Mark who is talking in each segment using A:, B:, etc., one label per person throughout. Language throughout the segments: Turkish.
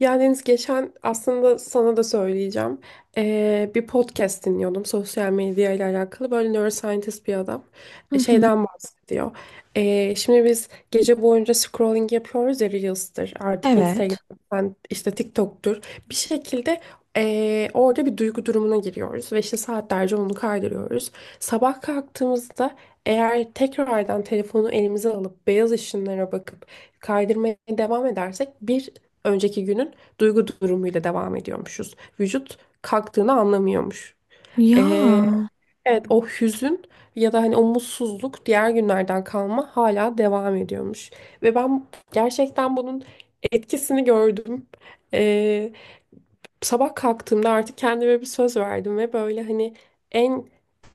A: Ya Deniz geçen aslında sana da söyleyeceğim. Bir podcast dinliyordum sosyal medya ile alakalı. Böyle neuroscientist bir adam
B: Hı hı.
A: şeyden bahsediyor. Şimdi biz gece boyunca scrolling yapıyoruz ya, Reels'tir artık,
B: Evet.
A: Instagram'dan, işte TikTok'tur. Bir şekilde orada bir duygu durumuna giriyoruz ve işte saatlerce onu kaydırıyoruz. Sabah kalktığımızda eğer tekrardan telefonu elimize alıp beyaz ışınlara bakıp kaydırmaya devam edersek bir önceki günün duygu durumuyla devam ediyormuşuz. Vücut kalktığını anlamıyormuş. Ee,
B: Ya.
A: evet, o hüzün ya da hani o mutsuzluk diğer günlerden kalma hala devam ediyormuş. Ve ben gerçekten bunun etkisini gördüm. Ee, Sabah kalktığımda artık kendime bir söz verdim ve böyle hani en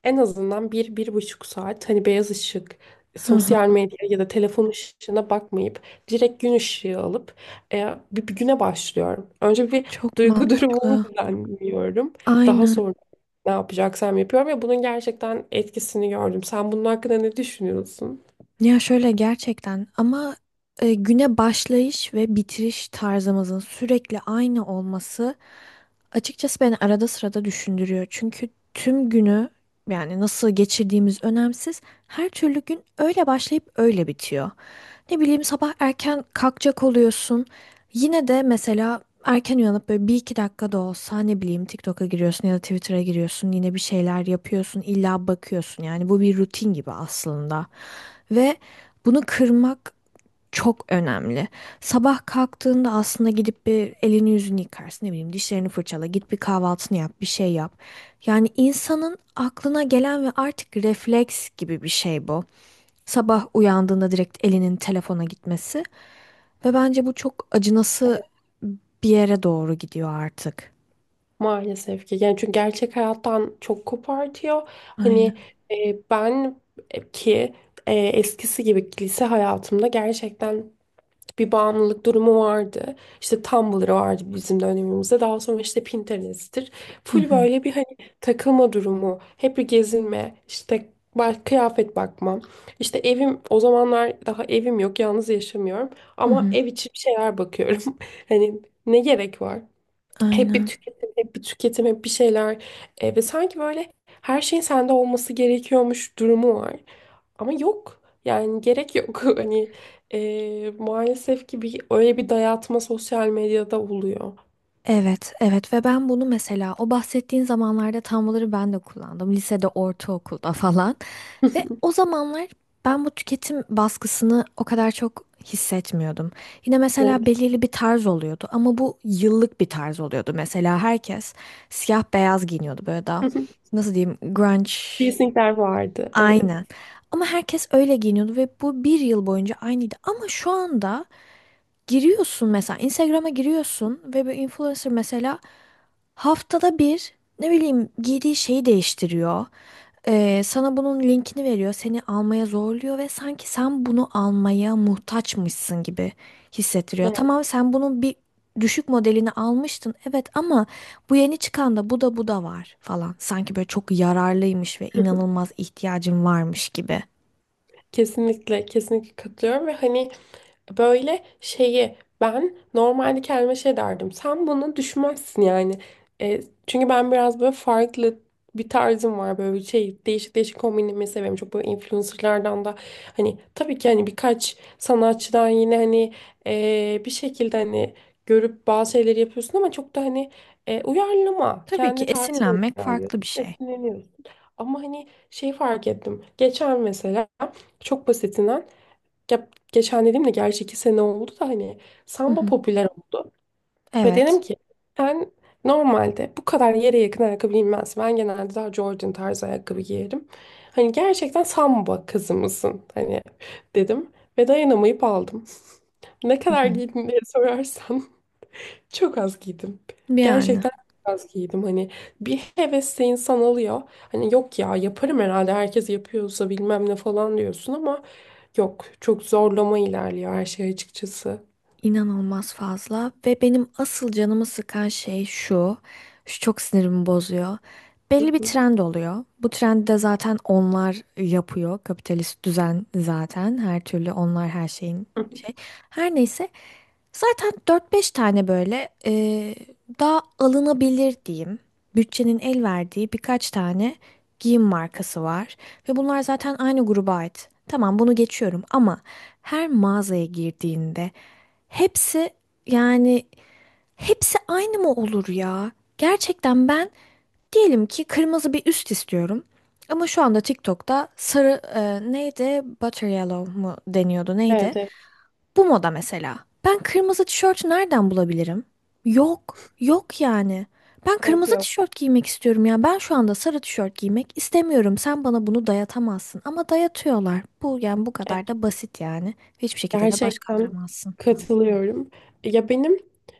A: en azından bir, bir buçuk saat hani beyaz ışık,
B: Hı hı.
A: sosyal medya ya da telefon ışığına bakmayıp direkt gün ışığı alıp bir, bir güne başlıyorum. Önce bir
B: Çok
A: duygu durumumu
B: mantıklı.
A: düzenliyorum. Daha
B: Aynen.
A: sonra ne yapacaksam yapıyorum ve bunun gerçekten etkisini gördüm. Sen bunun hakkında ne düşünüyorsun?
B: Ya şöyle gerçekten ama güne başlayış ve bitiriş tarzımızın sürekli aynı olması açıkçası beni arada sırada düşündürüyor. Çünkü tüm günü yani nasıl geçirdiğimiz önemsiz. Her türlü gün öyle başlayıp öyle bitiyor. Ne bileyim sabah erken kalkacak oluyorsun. Yine de mesela erken uyanıp böyle bir iki dakika da olsa ne bileyim TikTok'a giriyorsun ya da Twitter'a giriyorsun, yine bir şeyler yapıyorsun, illa bakıyorsun. Yani bu bir rutin gibi aslında ve bunu kırmak çok önemli. Sabah kalktığında aslında gidip bir elini yüzünü yıkarsın, ne bileyim, dişlerini fırçala, git bir kahvaltını yap, bir şey yap. Yani insanın aklına gelen ve artık refleks gibi bir şey bu. Sabah uyandığında direkt elinin telefona gitmesi ve bence bu çok acınası bir yere doğru gidiyor artık.
A: Maalesef ki. Yani çünkü gerçek hayattan çok kopartıyor. Hani
B: Aynen.
A: ben e, ki eskisi gibi lise hayatımda gerçekten bir bağımlılık durumu vardı. İşte Tumblr vardı bizim dönemimizde. Daha sonra işte Pinterest'tir.
B: Hı
A: Full
B: hı.
A: böyle bir hani takılma durumu, hep bir gezinme, işte kıyafet bakma. İşte evim o zamanlar, daha evim yok, yalnız yaşamıyorum
B: Hı
A: ama
B: hı.
A: ev içi bir şeyler bakıyorum. Hani ne gerek var? Hep bir
B: Aynen.
A: tüketim, hep bir tüketim, hep bir şeyler. Ve sanki böyle her şeyin sende olması gerekiyormuş durumu var. Ama yok. Yani gerek yok. Hani maalesef ki bir, öyle bir dayatma sosyal medyada oluyor.
B: Evet, evet, ve ben bunu mesela o bahsettiğin zamanlarda Tumblr'ı ben de kullandım. Lisede, ortaokulda falan. Ve o zamanlar ben bu tüketim baskısını o kadar çok hissetmiyordum. Yine mesela
A: Evet.
B: belirli bir tarz oluyordu ama bu yıllık bir tarz oluyordu. Mesela herkes siyah beyaz giyiniyordu, böyle daha nasıl diyeyim, grunge.
A: Teasingler vardı. Evet.
B: Aynen. Ama herkes öyle giyiniyordu ve bu bir yıl boyunca aynıydı. Ama şu anda giriyorsun, mesela Instagram'a giriyorsun ve bir influencer mesela haftada bir ne bileyim giydiği şeyi değiştiriyor. Sana bunun linkini veriyor, seni almaya zorluyor ve sanki sen bunu almaya muhtaçmışsın gibi hissettiriyor.
A: Evet.
B: Tamam, sen bunun bir düşük modelini almıştın, evet, ama bu yeni çıkan da, bu da, bu da var falan. Sanki böyle çok yararlıymış ve inanılmaz ihtiyacın varmış gibi.
A: Kesinlikle, kesinlikle katılıyorum ve hani böyle şeyi ben normalde kendime şey derdim. Sen bunu düşünmezsin yani. E, Çünkü ben biraz böyle farklı bir tarzım var, böyle bir şey, değişik değişik kombinimi seviyorum. Çok böyle influencerlardan da hani tabii ki hani birkaç sanatçıdan yine hani bir şekilde hani görüp bazı şeyleri yapıyorsun ama çok da hani uyarlama,
B: Tabii ki
A: kendi tarzına
B: esinlenmek
A: uyarlıyorsun,
B: farklı bir şey.
A: esinleniyorsun. Ama hani şey fark ettim. Geçen mesela çok basitinden, ya geçen dediğimde gerçi iki sene oldu da hani
B: Hı
A: samba
B: hı.
A: popüler oldu. Ve dedim
B: Evet.
A: ki ben normalde bu kadar yere yakın ayakkabı giymez. Ben genelde daha Jordan tarzı ayakkabı giyerim. Hani gerçekten samba kızı mısın? Hani dedim ve dayanamayıp aldım. Ne
B: Hı
A: kadar
B: hı.
A: giydin diye sorarsan çok az giydim.
B: Yani.
A: Gerçekten çok az giydim. Hani bir hevesle insan alıyor. Hani yok ya, yaparım herhalde, herkes yapıyorsa bilmem ne falan diyorsun ama yok. Çok zorlama ilerliyor her şey açıkçası.
B: İnanılmaz fazla ve benim asıl canımı sıkan şey şu. Şu çok sinirimi bozuyor. Belli
A: Hı
B: bir
A: hı.
B: trend oluyor. Bu trendi de zaten onlar yapıyor. Kapitalist düzen zaten. Her türlü onlar her şeyin şey. Her neyse. Zaten dört beş tane böyle daha alınabilir diyeyim. Bütçenin el verdiği birkaç tane giyim markası var. Ve bunlar zaten aynı gruba ait. Tamam, bunu geçiyorum, ama her mağazaya girdiğinde hepsi, yani hepsi aynı mı olur ya? Gerçekten ben diyelim ki kırmızı bir üst istiyorum. Ama şu anda TikTok'ta sarı neydi? Butter yellow mu deniyordu, neydi?
A: Evet, evet,
B: Bu moda mesela. Ben kırmızı tişört nereden bulabilirim? Yok. Yok yani. Ben
A: evet,
B: kırmızı
A: yok.
B: tişört giymek istiyorum ya. Ben şu anda sarı tişört giymek istemiyorum. Sen bana bunu dayatamazsın. Ama dayatıyorlar. Bu yani bu kadar da basit yani. Hiçbir şekilde de baş
A: Gerçekten
B: kaldıramazsın.
A: katılıyorum. Ya benim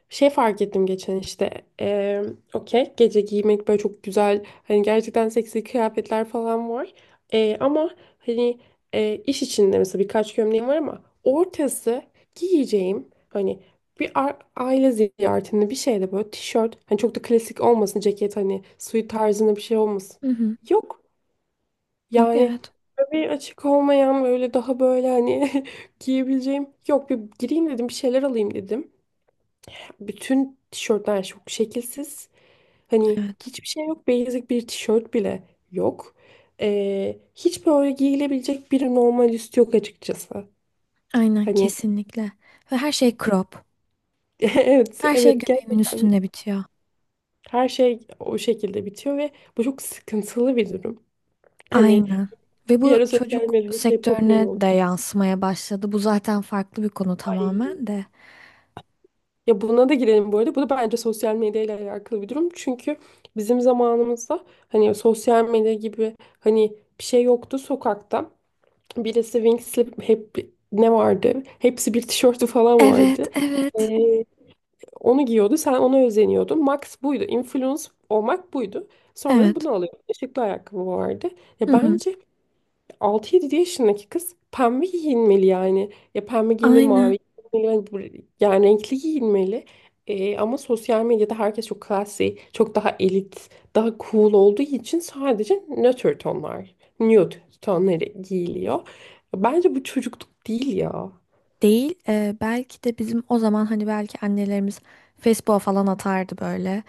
A: şey fark ettim geçen işte eee okey, gece giymek böyle çok güzel, hani gerçekten seksi kıyafetler falan var. Ama hani iş içinde mesela birkaç gömleğim var ama ortası giyeceğim, hani bir aile ziyaretinde bir şeyde, böyle tişört hani çok da klasik olmasın, ceket hani suit tarzında bir şey olmasın.
B: Hı hı.
A: Yok.
B: Yok,
A: Yani
B: evet.
A: bir açık olmayan böyle daha böyle hani giyebileceğim. Yok, bir gireyim dedim, bir şeyler alayım dedim. Bütün tişörtler çok şekilsiz. Hani
B: Evet.
A: hiçbir şey yok. Basic bir tişört bile yok. Hiç böyle giyilebilecek bir normal üst yok açıkçası.
B: Aynen,
A: Hani
B: kesinlikle. Ve her şey crop.
A: evet,
B: Her şey
A: evet,
B: göbeğimin
A: gerçekten
B: üstünde bitiyor.
A: her şey o şekilde bitiyor ve bu çok sıkıntılı bir durum. Hani
B: Aynen. Ve
A: bir
B: bu
A: ara sosyal
B: çocuk
A: medyada şey popüler
B: sektörüne
A: oldu.
B: de yansımaya başladı. Bu zaten farklı bir konu
A: Ay,
B: tamamen de.
A: ya buna da girelim bu arada. Bu da bence sosyal medyayla alakalı bir durum. Çünkü bizim zamanımızda hani sosyal medya gibi hani bir şey yoktu sokakta. Birisi Wing Slip, hep ne vardı? Hepsi bir tişörtü falan
B: Evet,
A: vardı.
B: evet.
A: Ee, Onu giyiyordu. Sen ona özeniyordun. Max buydu. Influence olmak buydu. Sonra
B: Evet.
A: bunu alıyor. Işıklı ayakkabı vardı.
B: Hı
A: Ya
B: hı.
A: bence 6-7 yaşındaki kız pembe giyinmeli yani. Ya pembe giyinmeli,
B: Aynen.
A: mavi giyinmeli, yani yani renkli giyinmeli. Ama sosyal medyada herkes çok classy, çok daha elit, daha cool olduğu için sadece nötr tonlar, nude tonları giyiliyor. Bence bu çocukluk değil ya.
B: Değil. Belki de bizim o zaman hani belki annelerimiz Facebook'a falan atardı böyle.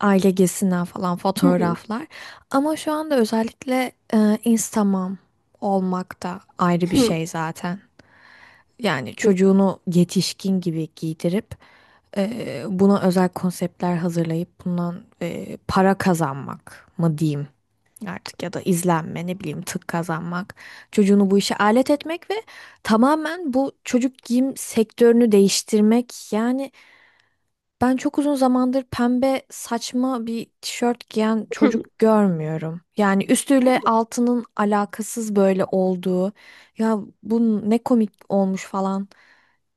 B: Aile gezisinden falan
A: Hı hı,
B: fotoğraflar. Ama şu anda özellikle Instagram olmak da ayrı bir
A: hı.
B: şey zaten. Yani
A: Kes-
B: çocuğunu yetişkin gibi giydirip buna özel konseptler hazırlayıp bundan para kazanmak mı diyeyim artık, ya da izlenme, ne bileyim, tık kazanmak. Çocuğunu bu işe alet etmek ve tamamen bu çocuk giyim sektörünü değiştirmek. Yani ben çok uzun zamandır pembe saçma bir tişört giyen
A: Hı.
B: çocuk görmüyorum. Yani
A: Ben
B: üstüyle
A: de,
B: altının alakasız böyle olduğu, ya bu ne komik olmuş falan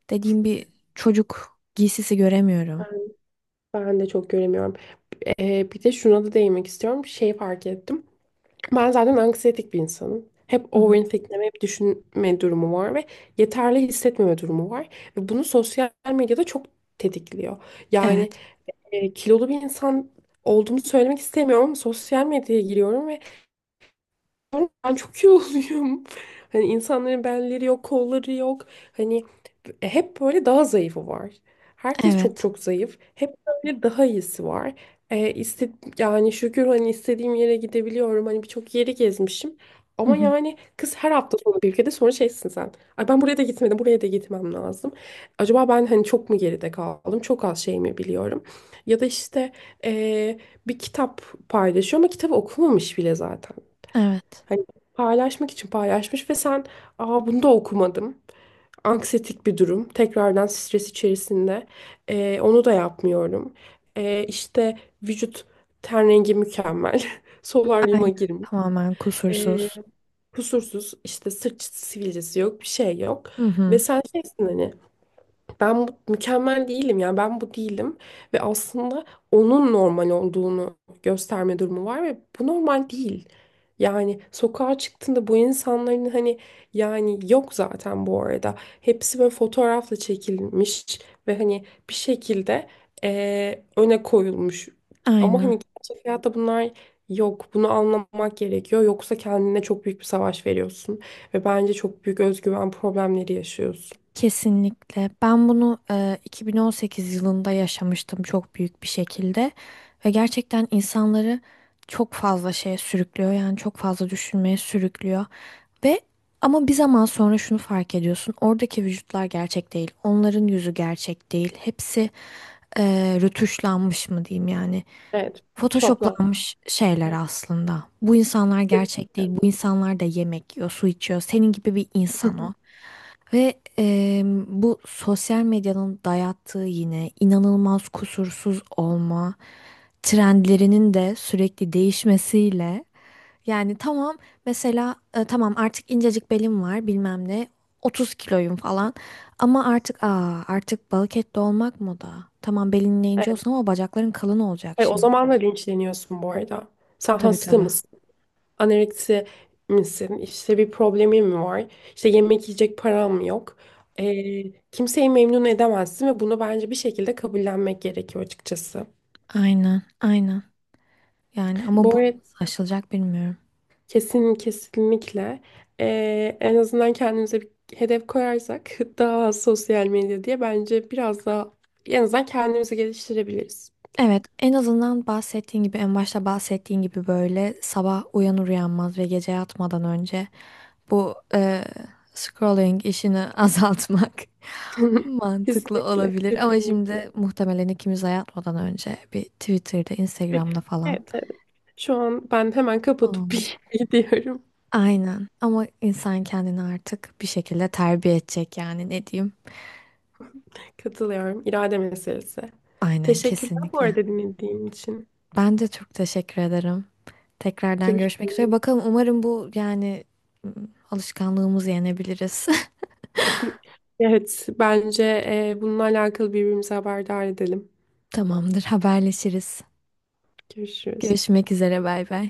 B: dediğim bir çocuk giysisi göremiyorum.
A: ben de çok göremiyorum. Bir de şuna da değinmek istiyorum. Şey fark ettim. Ben zaten anksiyetik bir insanım. Hep
B: Hı hı.
A: overthinkleme, hep düşünme durumu var ve yeterli hissetmeme durumu var. Ve bunu sosyal medyada çok tetikliyor. Yani
B: Evet,
A: kilolu bir insan olduğumu söylemek istemiyorum ama sosyal medyaya giriyorum ve ben çok iyi oluyorum. Hani insanların belleri yok, kolları yok. Hani hep böyle daha zayıfı var. Herkes çok
B: evet,
A: çok zayıf. Hep böyle daha iyisi var. E, iste- Yani şükür hani istediğim yere gidebiliyorum. Hani birçok yeri gezmişim.
B: hı
A: Ama
B: hı.
A: yani kız her hafta sonu bir ülkede, sonra şeysin sen. Ay ben buraya da gitmedim, buraya da gitmem lazım. Acaba ben hani çok mu geride kaldım? Çok az şey mi biliyorum? Ya da işte e, bir kitap paylaşıyor ama kitabı okumamış bile zaten.
B: Evet,
A: Hani paylaşmak için paylaşmış ve sen, aa bunu da okumadım. Anksiyetik bir durum. Tekrardan stres içerisinde. Onu da yapmıyorum. İşte vücut ten rengi mükemmel. Solaryuma
B: aynen,
A: girmiş.
B: tamamen
A: Ee,
B: kusursuz.
A: Kusursuz, işte sırt sivilcesi yok, bir şey yok.
B: Hı
A: Ve
B: hı.
A: sen şeysin, hani ben mükemmel değilim, yani ben bu değilim ve aslında onun normal olduğunu gösterme durumu var ve bu normal değil. Yani sokağa çıktığında bu insanların hani, yani yok zaten bu arada. Hepsi böyle fotoğrafla çekilmiş ve hani bir şekilde öne koyulmuş. Ama
B: Aynen.
A: hani gerçek hayatta bunlar yok. Bunu anlamak gerekiyor. Yoksa kendine çok büyük bir savaş veriyorsun ve bence çok büyük özgüven problemleri yaşıyorsun.
B: Kesinlikle. Ben bunu 2018 yılında yaşamıştım çok büyük bir şekilde ve gerçekten insanları çok fazla şeye sürüklüyor. Yani çok fazla düşünmeye sürüklüyor. Ve ama bir zaman sonra şunu fark ediyorsun. Oradaki vücutlar gerçek değil. Onların yüzü gerçek değil. Hepsi e, rötuşlanmış mı diyeyim yani.
A: Evet. Şoplan.
B: Photoshoplanmış şeyler aslında. Bu insanlar gerçek değil. Bu insanlar da yemek yiyor, su içiyor. Senin gibi bir
A: Hı
B: insan
A: hı.
B: o. Ve bu sosyal medyanın dayattığı yine inanılmaz kusursuz olma trendlerinin de sürekli değişmesiyle, yani tamam, mesela tamam artık incecik belim var bilmem ne, 30 kiloyum falan, ama artık aa artık balık etli olmak moda. Tamam belin ince
A: Evet.
B: olsun ama bacakların kalın olacak
A: O
B: şimdi.
A: zaman da linçleniyorsun bu arada. Sen
B: Tabii,
A: hasta
B: tabii.
A: mısın? Anoreksi misin? İşte bir problemin mi var? İşte yemek yiyecek param mı yok? Kimseyi memnun edemezsin ve bunu bence bir şekilde kabullenmek gerekiyor açıkçası.
B: Aynen, aynen. Yani ama bu
A: Bu arada
B: nasıl aşılacak bilmiyorum.
A: kesin, kesinlikle en azından kendimize bir hedef koyarsak daha az sosyal medya diye, bence biraz daha en azından kendimizi geliştirebiliriz.
B: Evet, en azından bahsettiğin gibi, en başta bahsettiğin gibi, böyle sabah uyanır uyanmaz ve gece yatmadan önce bu scrolling işini azaltmak mantıklı
A: Kesinlikle,
B: olabilir. Ama
A: kesinlikle.
B: şimdi muhtemelen ikimiz de yatmadan önce bir Twitter'da, Instagram'da falan
A: Evet, evet. Şu an ben hemen kapatıp
B: olabilir.
A: bir gidiyorum.
B: Aynen. Ama insan kendini artık bir şekilde terbiye edecek yani, ne diyeyim.
A: Katılıyorum. İrade meselesi.
B: Aynen,
A: Teşekkürler bu
B: kesinlikle.
A: arada dinlediğin için.
B: Ben de çok teşekkür ederim. Tekrardan görüşmek üzere.
A: Görüşürüz.
B: Bakalım, umarım bu yani m, alışkanlığımızı yenebiliriz.
A: Evet, bence bununla alakalı birbirimizi haberdar edelim.
B: Tamamdır, haberleşiriz.
A: Görüşürüz.
B: Görüşmek üzere, bay bay.